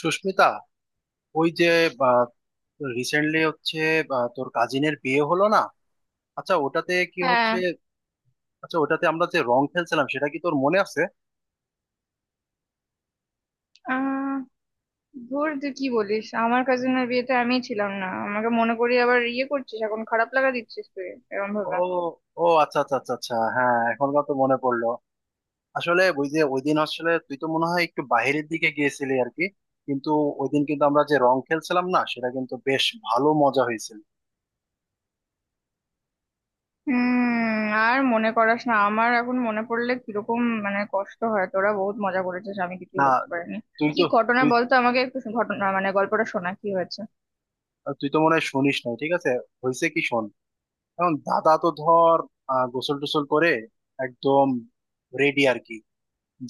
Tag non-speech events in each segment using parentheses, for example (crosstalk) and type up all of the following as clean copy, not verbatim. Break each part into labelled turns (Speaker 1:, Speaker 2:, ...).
Speaker 1: সুস্মিতা, ওই যে রিসেন্টলি হচ্ছে তোর কাজিনের বিয়ে হলো না? আচ্ছা ওটাতে কি
Speaker 2: হ্যাঁ।
Speaker 1: হচ্ছে, আচ্ছা ওটাতে আমরা যে রং খেলছিলাম সেটা কি তোর মনে আছে?
Speaker 2: আহ ধুর, তুই কি বলিস! আমার কাজিনের বিয়েতে আমিই ছিলাম না, আমাকে মনে করিয়ে আবার ইয়ে করছিস, এখন খারাপ লাগা দিচ্ছিস তুই এরকম
Speaker 1: ও
Speaker 2: ভাবে।
Speaker 1: ও আচ্ছা আচ্ছা আচ্ছা আচ্ছা, হ্যাঁ এখনকার তো মনে পড়লো। আসলে ওই যে ওই দিন আসলে তুই তো মনে হয় একটু বাইরের দিকে গিয়েছিলি আর কি। কিন্তু ওই দিন কিন্তু আমরা যে রং খেলছিলাম না, সেটা কিন্তু বেশ ভালো মজা হয়েছিল।
Speaker 2: হুম, আর মনে করাস না, আমার এখন মনে পড়লে কিরকম মানে কষ্ট হয়। তোরা বহুত মজা করেছিস, আমি কিছুই
Speaker 1: না,
Speaker 2: করতে পারিনি।
Speaker 1: তুই
Speaker 2: কি
Speaker 1: তো
Speaker 2: ঘটনা
Speaker 1: তুই
Speaker 2: বলতো আমাকে, একটু ঘটনা মানে গল্পটা শোনা, কি হয়েছে?
Speaker 1: তুই তো মনে হয় শুনিস নাই, ঠিক আছে হয়েছে কি শোন। এখন দাদা তো ধর গোসল টোসল করে একদম রেডি আর কি,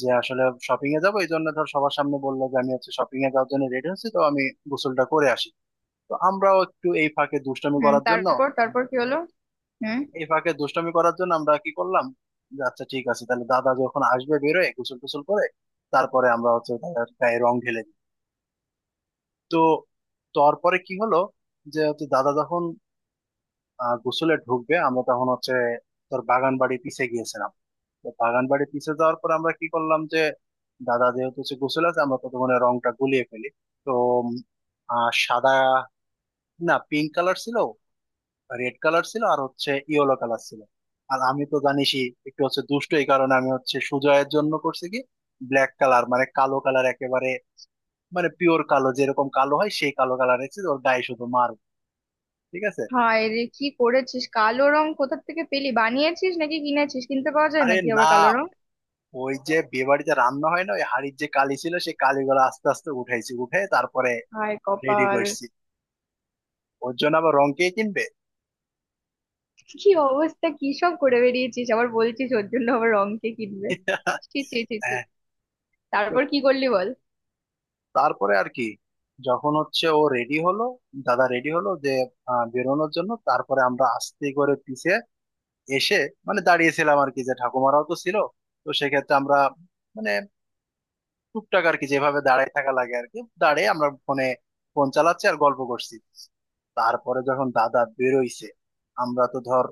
Speaker 1: যে আসলে শপিং এ যাবো, এই জন্য ধর সবার সামনে বললো যে আমি হচ্ছে শপিং এ যাওয়ার জন্য রেডি হচ্ছি, তো আমি গোসলটা করে আসি। তো আমরাও একটু এই ফাঁকে দুষ্টামি
Speaker 2: হুম,
Speaker 1: করার জন্য,
Speaker 2: তারপর তারপর কি হলো? হুম।
Speaker 1: এই ফাঁকে দুষ্টামি করার জন্য আমরা কি করলাম, যে আচ্ছা ঠিক আছে তাহলে দাদা যখন আসবে বেরোয় গোসল টোসল করে, তারপরে আমরা হচ্ছে দাদার গায়ে রং ঢেলে দিই। তো তারপরে কি হলো, যে হচ্ছে দাদা যখন গোসলে ঢুকবে, আমরা তখন হচ্ছে তোর বাগান বাড়ি পিছিয়ে গিয়েছিলাম। তো বাগান বাড়ির পিছে যাওয়ার পর আমরা কি করলাম, যে দাদা যেহেতু হচ্ছে গোসল আছে আমরা ততক্ষণে রংটা গুলিয়ে ফেলি। তো উম, সাদা না পিঙ্ক কালার ছিল, রেড কালার ছিল আর হচ্ছে ইয়েলো কালার ছিল। আর আমি তো জানিসই একটু হচ্ছে দুষ্ট, এই কারণে আমি হচ্ছে সুজয়ের জন্য করছি কি, ব্ল্যাক কালার মানে কালো কালার একেবারে, মানে পিওর কালো যেরকম কালো হয় সেই কালো কালার রেখেছি ওর গায়ে শুধু মার, ঠিক আছে।
Speaker 2: হায় রে, কি করেছিস! কালো রং কোথা থেকে পেলি? বানিয়েছিস নাকি কিনেছিস? কিনতে পাওয়া যায়
Speaker 1: আরে
Speaker 2: নাকি আবার
Speaker 1: না,
Speaker 2: কালো রং?
Speaker 1: ওই যে বিয়ে বাড়িতে রান্না হয় না ওই হাড়ির যে কালি ছিল সেই কালিগুলো আস্তে আস্তে উঠাইছি, উঠে তারপরে
Speaker 2: হায়
Speaker 1: রেডি
Speaker 2: কপাল!
Speaker 1: করছি। ওর জন্য আবার রং কে কিনবে?
Speaker 2: কি অবস্থা, কি সব করে বেরিয়েছিস! আবার বলছিস ওর জন্য আবার রং কে কিনবে। ছি ছি ছি ছি।
Speaker 1: হ্যাঁ। তো
Speaker 2: তারপর কি করলি বল।
Speaker 1: তারপরে আর কি, যখন হচ্ছে ও রেডি হলো, দাদা রেডি হলো যে বেরোনোর জন্য, তারপরে আমরা আস্তে করে পিছে এসে মানে দাঁড়িয়েছিলাম আর কি, যে ঠাকুমারাও তো ছিল। তো সেক্ষেত্রে আমরা মানে টুকটাক আর কি, যেভাবে দাঁড়ায় থাকা লাগে আর কি দাঁড়িয়ে আমরা ফোনে ফোন চালাচ্ছি আর গল্প করছি। তারপরে যখন দাদা বেরোইছে আমরা তো ধর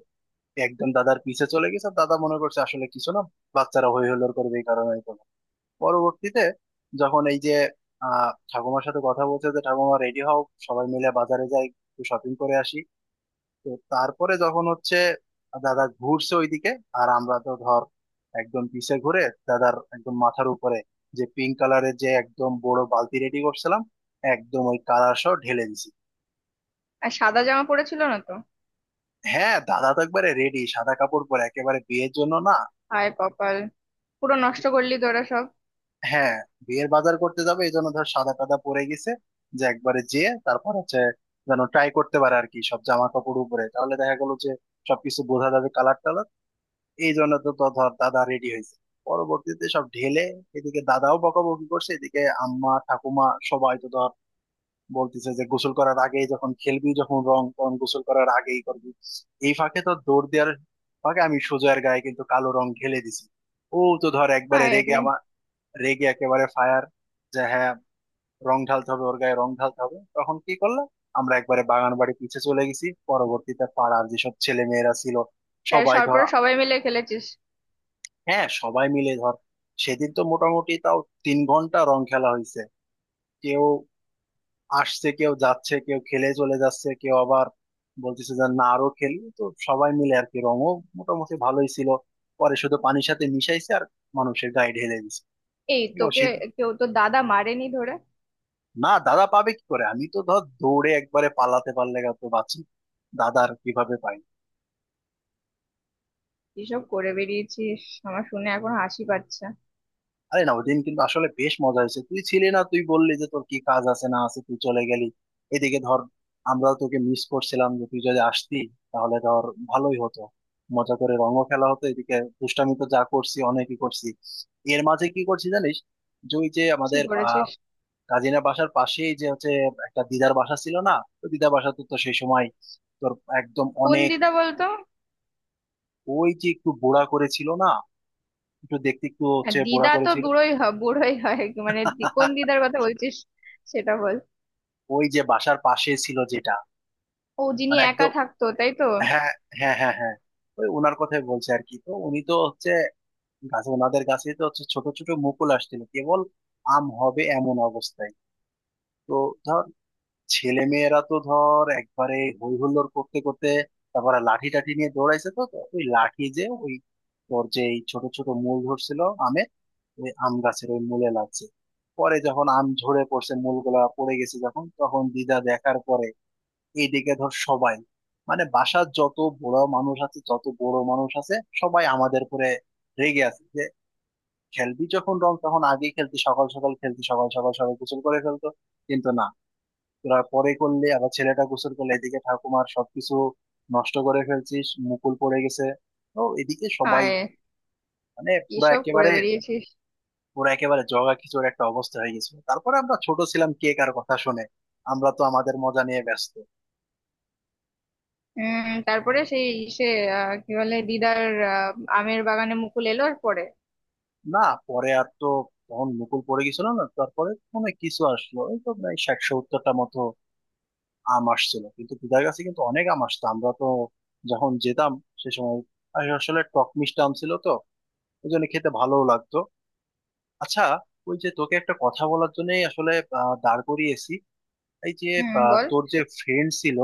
Speaker 1: একদম দাদার পিছে চলে গেছে, দাদা মনে করছে আসলে কিছু না, বাচ্চারা হই হুল্লোড় করবে এই কারণে। পরবর্তীতে যখন এই যে ঠাকুমার সাথে কথা বলছে যে ঠাকুমা রেডি হও, সবাই মিলে বাজারে যাই একটু শপিং করে আসি। তো তারপরে যখন হচ্ছে দাদা ঘুরছে ওইদিকে আর আমরা তো ধর একদম পিছে ঘুরে দাদার একদম মাথার উপরে যে পিঙ্ক কালারের যে একদম বড় বালতি রেডি করছিলাম, একদম ওই কালার সহ ঢেলে দিছি।
Speaker 2: আর সাদা জামা পড়েছিল না তো?
Speaker 1: হ্যাঁ দাদা তো একবারে রেডি, সাদা কাপড় পরে একেবারে বিয়ের জন্য না।
Speaker 2: হায় কপাল! পুরো নষ্ট করলি তোরা সব।
Speaker 1: হ্যাঁ, বিয়ের বাজার করতে যাবে এই জন্য ধর সাদা টাদা পরে গেছে, যে একবারে যেয়ে তারপর হচ্ছে যেন ট্রাই করতে পারে আর কি সব জামা কাপড় উপরে, তাহলে দেখা গেল যে সবকিছু বোঝা যাবে কালার টালার। এই জন্য তো তো ধর দাদা রেডি হয়েছে, পরবর্তীতে সব ঢেলে এদিকে দাদাও বকাবকি করছে, এদিকে আম্মা ঠাকুমা সবাই তো ধর বলতেছে যে গোসল করার আগেই যখন খেলবি যখন রং তখন গোসল করার আগেই করবি। এই ফাঁকে তো দৌড় দেওয়ার ফাঁকে আমি সোজার গায়ে কিন্তু কালো রং ঢেলে দিছি। ও তো ধর একবারে
Speaker 2: হায়
Speaker 1: রেগে
Speaker 2: রে!
Speaker 1: আমার, রেগে একেবারে ফায়ার যে হ্যাঁ রং ঢালতে হবে, ওর গায়ে রং ঢালতে হবে। তখন কি করলাম, আমরা একবারে বাগান বাড়ি পিছে চলে গেছি, পরবর্তীতে পাড়ার যেসব ছেলে মেয়েরা ছিল
Speaker 2: তাই
Speaker 1: সবাই
Speaker 2: সরপরে
Speaker 1: ধরা,
Speaker 2: সবাই মিলে খেলেছিস?
Speaker 1: হ্যাঁ সবাই মিলে ধর সেদিন তো মোটামুটি তাও 3 ঘন্টা রং খেলা হয়েছে। কেউ আসছে কেউ যাচ্ছে কেউ খেলে চলে যাচ্ছে কেউ আবার বলতেছে যে না আরো খেলি, তো সবাই মিলে আর কি রঙও মোটামুটি ভালোই ছিল। পরে শুধু পানির সাথে মিশাইছে আর মানুষের গায়ে ঢেলে দিছে।
Speaker 2: এই তোকে কেউ তো দাদা মারেনি ধরে?
Speaker 1: না, দাদা পাবে কি করে, আমি তো ধর দৌড়ে একবারে পালাতে পারলে গা তো বাঁচি, দাদার কিভাবে পাই।
Speaker 2: এসব করে বেরিয়েছিস! আমার শুনে এখন হাসি পাচ্ছে।
Speaker 1: আরে না, ওই দিন কিন্তু আসলে বেশ মজা হয়েছে, তুই ছিলি না, তুই বললি যে তোর কি কাজ আছে না আছে তুই চলে গেলি। এদিকে ধর আমরাও তোকে মিস করছিলাম, যে তুই যদি আসতি তাহলে ধর ভালোই হতো, মজা করে রঙও খেলা হতো। এদিকে দুষ্টামি তো যা করছি অনেকই করছি। এর মাঝে কি করছি জানিস, যে ওই যে
Speaker 2: কি
Speaker 1: আমাদের
Speaker 2: করেছিস?
Speaker 1: কাজিনা বাসার পাশেই যে হচ্ছে একটা দিদার বাসা ছিল না, তো দিদার বাসা তো তো সেই সময় তোর একদম
Speaker 2: কোন
Speaker 1: অনেক
Speaker 2: দিদা বলতো?
Speaker 1: ওই যে একটু বোড়া করেছিল না, একটু দেখতে একটু
Speaker 2: আর
Speaker 1: হচ্ছে বোড়া
Speaker 2: দিদা তো
Speaker 1: করেছিল।
Speaker 2: বুড়োই হয়, কি মানে, কোন
Speaker 1: (laughs)
Speaker 2: দিদার কথা বলছিস? সেটা বল।
Speaker 1: ওই যে বাসার পাশে ছিল যেটা,
Speaker 2: ও, যিনি
Speaker 1: মানে
Speaker 2: একা
Speaker 1: একদম,
Speaker 2: থাকতো তাই তো?
Speaker 1: হ্যাঁ হ্যাঁ, ওই ওনার কথাই বলছে আর কি। তো উনি তো হচ্ছে গাছে, ওনাদের গাছে তো হচ্ছে ছোট ছোট মুকুল আসছিল কেবল, আম হবে এমন অবস্থায়। তো ধর ছেলে মেয়েরা তো ধর একবারে হই হুল্লোড় করতে করতে তারপরে লাঠি টাঠি নিয়ে দৌড়াইছে, তো তো ওই লাঠি যে ওই তোর যে এই ছোট ছোট মূল ধরছিল আমের, ওই আম গাছের ওই মূলে লাগছে। পরে যখন আম ঝরে পড়ছে, মূলগুলা পড়ে গেছে যখন, তখন দিদা দেখার পরে এইদিকে ধর সবাই মানে বাসার যত বড় মানুষ আছে, যত বড় মানুষ আছে সবাই আমাদের উপরে রেগে আছে যে খেলবি যখন রং তখন আগে খেলতি, সকাল সকাল খেলতি, সকাল সকাল সবাই গোসল করে ফেলতো, কিন্তু না তোরা পরে করলে, আবার ছেলেটা গোসল করলে এদিকে ঠাকুমার সবকিছু নষ্ট করে ফেলছিস মুকুল পড়ে গেছে। তো এদিকে সবাই
Speaker 2: হায়,
Speaker 1: মানে
Speaker 2: কি
Speaker 1: পুরা
Speaker 2: সব করে
Speaker 1: একেবারে,
Speaker 2: বেরিয়েছিস!
Speaker 1: পুরো একেবারে জগা খিচুড়ি একটা অবস্থা হয়ে গেছিল। তারপরে আমরা ছোট ছিলাম, কে কার কথা শুনে, আমরা তো আমাদের মজা নিয়ে ব্যস্ত।
Speaker 2: উম তারপরে সেই সে, কি বলে দিদার, আহ, আমের বাগানে মুকুল এলো আর পরে।
Speaker 1: না, পরে আর তো তখন মুকুল পড়ে গেছিল না, তারপরে মনে কিছু আসলো, ওই তো প্রায় 60-70টা মতো আম আসছিল কিন্তু, দিদার কাছে কিন্তু অনেক আম আসতো, আমরা তো যখন যেতাম সে সময়। আর আসলে টক মিষ্টি আম ছিল তো, ওই জন্য খেতে ভালোও লাগতো। আচ্ছা, ওই যে তোকে একটা কথা বলার জন্যই আসলে দাঁড় করিয়েছি। এই যে
Speaker 2: হুম বল।
Speaker 1: তোর যে ফ্রেন্ড ছিল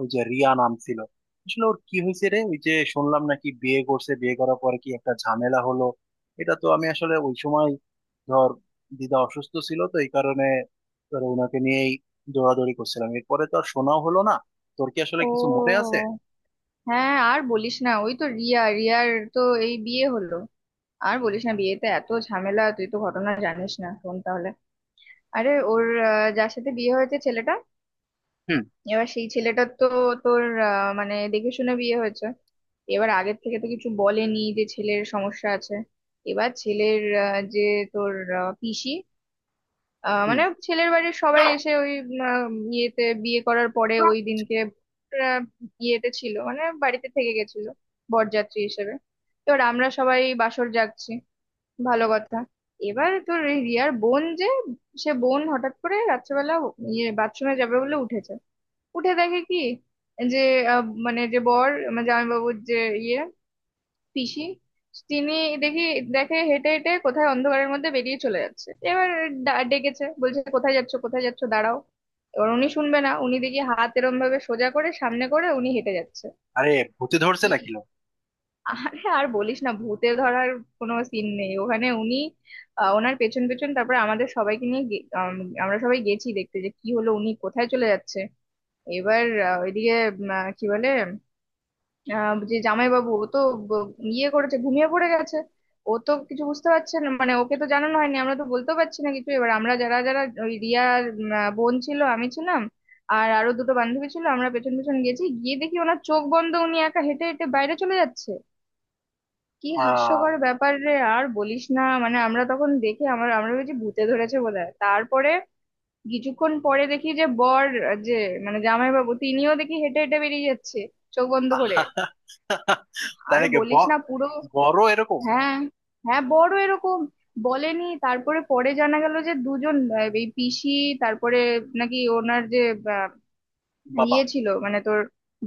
Speaker 1: ওই যে রিয়া নাম ছিল, আসলে ওর কি হয়েছে রে? ওই যে শুনলাম নাকি বিয়ে করছে, বিয়ে করার পরে কি একটা ঝামেলা হলো, এটা তো আমি আসলে ওই সময় ধর দিদা অসুস্থ ছিল তো এই কারণে ধর ওনাকে নিয়েই দৌড়াদৌড়ি করছিলাম, এরপরে তো আর শোনাও হলো না। তোর কি আসলে
Speaker 2: ও,
Speaker 1: কিছু মনে আছে?
Speaker 2: হ্যাঁ, আর বলিস না, ওই তো রিয়া, রিয়ার তো এই বিয়ে হলো। আর বলিস না, বিয়েতে এত ঝামেলা, তুই তো ঘটনা জানিস না, শোন তাহলে। আরে ওর, যার সাথে বিয়ে হয়েছে ছেলেটা,
Speaker 1: হুম।
Speaker 2: এবার সেই ছেলেটার তো তোর, মানে দেখে শুনে বিয়ে হয়েছে। এবার আগের থেকে তো কিছু বলেনি যে ছেলের সমস্যা আছে। এবার ছেলের, যে তোর, পিসি,
Speaker 1: হুম।
Speaker 2: মানে ছেলের বাড়ির সবাই এসে ওই, ইয়েতে বিয়ে করার পরে ওই দিনকে আহ, ইয়েতে ছিল, মানে বাড়িতে থেকে গেছিল বরযাত্রী হিসেবে। তোর আমরা সবাই বাসর জাগছি, ভালো কথা। এবার তোর এই রিয়ার বোন, যে সে বোন হঠাৎ করে রাত্রেবেলা ইয়ে বাথরুমে যাবে বলে উঠেছে। উঠে দেখে কি, যে মানে যে বর মানে জামাইবাবুর যে ইয়ে পিসি তিনি, দেখি দেখে হেঁটে হেঁটে কোথায় অন্ধকারের মধ্যে বেরিয়ে চলে যাচ্ছে। এবার ডেকেছে, বলছে কোথায় যাচ্ছ কোথায় যাচ্ছ দাঁড়াও। এবার উনি শুনবে না, উনি দেখি হাত এরম ভাবে সোজা করে সামনে করে উনি হেঁটে যাচ্ছে।
Speaker 1: আরে, ভূতে ধরছে
Speaker 2: কি?
Speaker 1: নাকি লো?
Speaker 2: আরে আর বলিস না, ভূতে ধরার কোনো সিন নেই ওখানে। উনি, ওনার পেছন পেছন তারপরে আমাদের সবাইকে নিয়ে আমরা সবাই গেছি দেখতে যে কি হলো উনি কোথায় চলে যাচ্ছে। এবার ওইদিকে কি বলে, যে জামাইবাবু ও তো ব- ইয়ে করেছে, ঘুমিয়ে পড়ে গেছে। ও তো কিছু বুঝতে পারছে না, মানে ওকে তো জানানো হয়নি, আমরা তো বলতেও পারছি না কিছু। এবার আমরা যারা যারা ওই রিয়ার বোন ছিল, আমি ছিলাম, আর আরো দুটো বান্ধবী ছিল, আমরা পেছন পেছন গেছি, গিয়ে দেখি ওনার চোখ বন্ধ, উনি একা হেঁটে হেঁটে বাইরে চলে যাচ্ছে। কি
Speaker 1: আহ
Speaker 2: হাস্যকর ব্যাপার রে! আর বলিস না, মানে আমরা তখন দেখে আমরা ভেবেছি ভূতে ধরেছে বোধহয়। তারপরে কিছুক্ষণ পরে দেখি যে বর, যে মানে জামাইবাবু তিনিও দেখি হেঁটে হেঁটে বেরিয়ে যাচ্ছে চোখ বন্ধ করে।
Speaker 1: তাই
Speaker 2: আর
Speaker 1: নাকি?
Speaker 2: বলিস
Speaker 1: ব-
Speaker 2: না পুরো।
Speaker 1: বড় এরকম?
Speaker 2: হ্যাঁ, হ্যাঁ, বড় এরকম বলেনি। তারপরে পরে জানা গেল যে দুজন, এই পিসি তারপরে নাকি ওনার যে, আহ,
Speaker 1: বাবা,
Speaker 2: ইয়ে ছিল, মানে তোর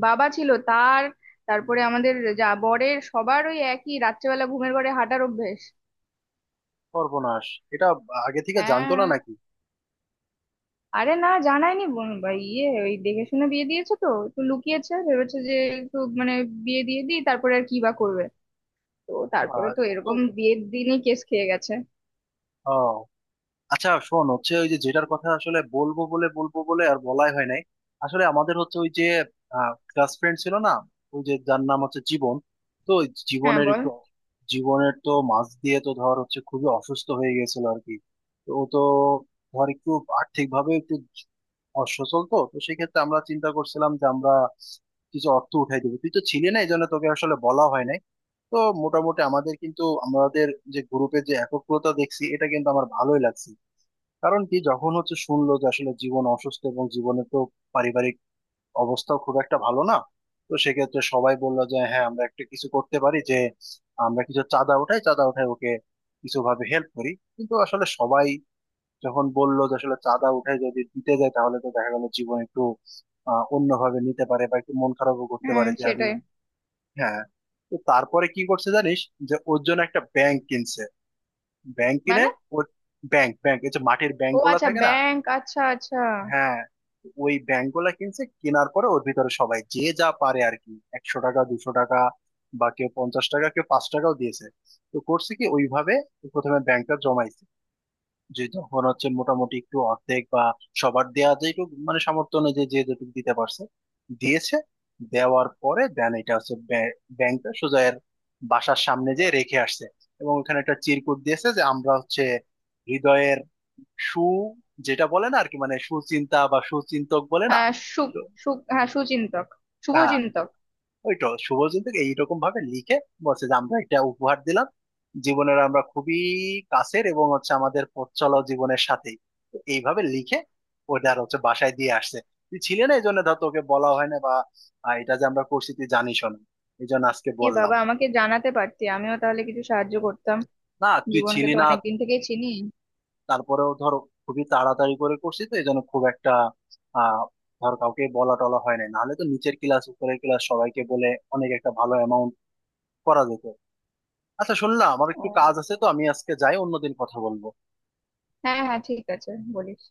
Speaker 2: বাবা ছিল তার। তারপরে আমাদের, যা বরের সবার ওই একই রাত্রেবেলা ঘুমের ঘরে হাঁটার অভ্যেস।
Speaker 1: সর্বনাশ। এটা আগে থেকে জানতো না
Speaker 2: হ্যাঁ।
Speaker 1: নাকি?
Speaker 2: আরে না জানায়নি, বা ইয়ে ওই দেখে শুনে বিয়ে দিয়েছে তো, একটু লুকিয়েছে, ভেবেছে যে একটু মানে বিয়ে দিয়ে দিই তারপরে আর কি বা করবে। তো তারপরে তো
Speaker 1: কিন্তু
Speaker 2: এরকম বিয়ের দিনই কেস খেয়ে গেছে।
Speaker 1: আহ, আচ্ছা শোন হচ্ছে ওই যে যেটার কথা আসলে বলবো বলে বলবো বলে আর বলাই হয় নাই। আসলে আমাদের হচ্ছে ওই যে ক্লাস ফ্রেন্ড ছিল না ওই যে যার নাম হচ্ছে জীবন, তো ওই
Speaker 2: হ্যাঁ
Speaker 1: জীবনের
Speaker 2: বল।
Speaker 1: একটু, জীবনের তো মাঝ দিয়ে তো ধর হচ্ছে খুবই অসুস্থ হয়ে গেছিল আর কি। তো ও তো ধর একটু আর্থিক ভাবে একটু অসচল, তো তো সেক্ষেত্রে আমরা চিন্তা করছিলাম যে আমরা কিছু অর্থ উঠাই দেবো। তুই তো ছিলি না এই জন্য তোকে আসলে বলা হয় নাই। তো মোটামুটি আমাদের কিন্তু, আমাদের যে গ্রুপে যে একগ্রতা দেখছি এটা কিন্তু আমার ভালোই লাগছে। কারণ কি, যখন হচ্ছে শুনলো যে আসলে জীবন অসুস্থ, এবং জীবনে তো পারিবারিক অবস্থাও খুব একটা ভালো না, তো সেক্ষেত্রে সবাই বললো যে হ্যাঁ আমরা একটা কিছু করতে পারি, যে আমরা কিছু চাঁদা উঠাই, ওকে কিছু ভাবে হেল্প করি। কিন্তু আসলে সবাই যখন বললো যে আসলে চাঁদা উঠাই যদি দিতে যায় তাহলে তো দেখা গেল জীবন একটু অন্যভাবে নিতে পারে বা একটু মন খারাপও করতে
Speaker 2: হুম,
Speaker 1: পারে যে আমি,
Speaker 2: সেটাই।
Speaker 1: হ্যাঁ। তো তারপরে কি করছে জানিস, যে ওর জন্য একটা ব্যাংক কিনছে, ব্যাংক কিনে
Speaker 2: মানে,
Speaker 1: ওর, ব্যাংক ব্যাংক এই যে মাটির ব্যাংক
Speaker 2: ও
Speaker 1: গুলা
Speaker 2: আচ্ছা,
Speaker 1: থাকে না,
Speaker 2: ব্যাংক, আচ্ছা আচ্ছা।
Speaker 1: হ্যাঁ ওই ব্যাংক গুলা কিনছে। কেনার পরে ওর ভিতরে সবাই যে যা পারে আর কি, 100 টাকা 200 টাকা বা কেউ 50 টাকা কেউ 5 টাকাও দিয়েছে। তো করছে কি ওইভাবে প্রথমে ব্যাংকটা জমাইছে, যে তখন হচ্ছে মোটামুটি একটু অর্ধেক বা, সবার দেয়া যেটুকু মানে সামর্থ্য অনুযায়ী যে যেটুকু দিতে পারছে দিয়েছে। দেওয়ার পরে দেন এটা হচ্ছে ব্যাংকটা সোজা এর বাসার সামনে যে রেখে আসছে, এবং ওখানে একটা চিরকুট দিয়েছে যে আমরা হচ্ছে হৃদয়ের সু, যেটা বলে না আর কি, মানে সুচিন্তা বা সুচিন্তক বলে না,
Speaker 2: হ্যাঁ। সু
Speaker 1: তো
Speaker 2: সু হ্যাঁ সুচিন্তক,
Speaker 1: হ্যাঁ,
Speaker 2: শুভচিন্তক।
Speaker 1: ওই তো শুভজিৎ এইরকম ভাবে লিখে বলছে যে আমরা একটা উপহার দিলাম, জীবনের আমরা খুবই কাছের এবং হচ্ছে আমাদের পথ চলা জীবনের সাথেই। তো এইভাবে লিখে ওটা আর হচ্ছে বাসায় দিয়ে আসছে। তুই ছিলি না এই জন্য ধর তোকে বলা হয় না বা এটা যে আমরা করছি তুই জানিস না, এই জন্য আজকে
Speaker 2: এ
Speaker 1: বললাম।
Speaker 2: বাবা, আমাকে জানাতে পারতি, আমিও তাহলে কিছু সাহায্য করতাম।
Speaker 1: না, তুই
Speaker 2: জীবনকে
Speaker 1: ছিলি
Speaker 2: তো
Speaker 1: না,
Speaker 2: অনেক দিন থেকেই চিনি।
Speaker 1: তারপরেও ধর খুবই তাড়াতাড়ি করে করছি তো এই জন্য খুব একটা আহ ধর কাউকে বলা টলা হয় না, নাহলে তো নিচের ক্লাস উপরের ক্লাস সবাইকে বলে অনেক একটা ভালো অ্যামাউন্ট করা যেত। আচ্ছা শোন না, আমার
Speaker 2: ও,
Speaker 1: একটু কাজ আছে তো আমি আজকে যাই, অন্যদিন কথা বলবো।
Speaker 2: হ্যাঁ হ্যাঁ ঠিক আছে। বলিস।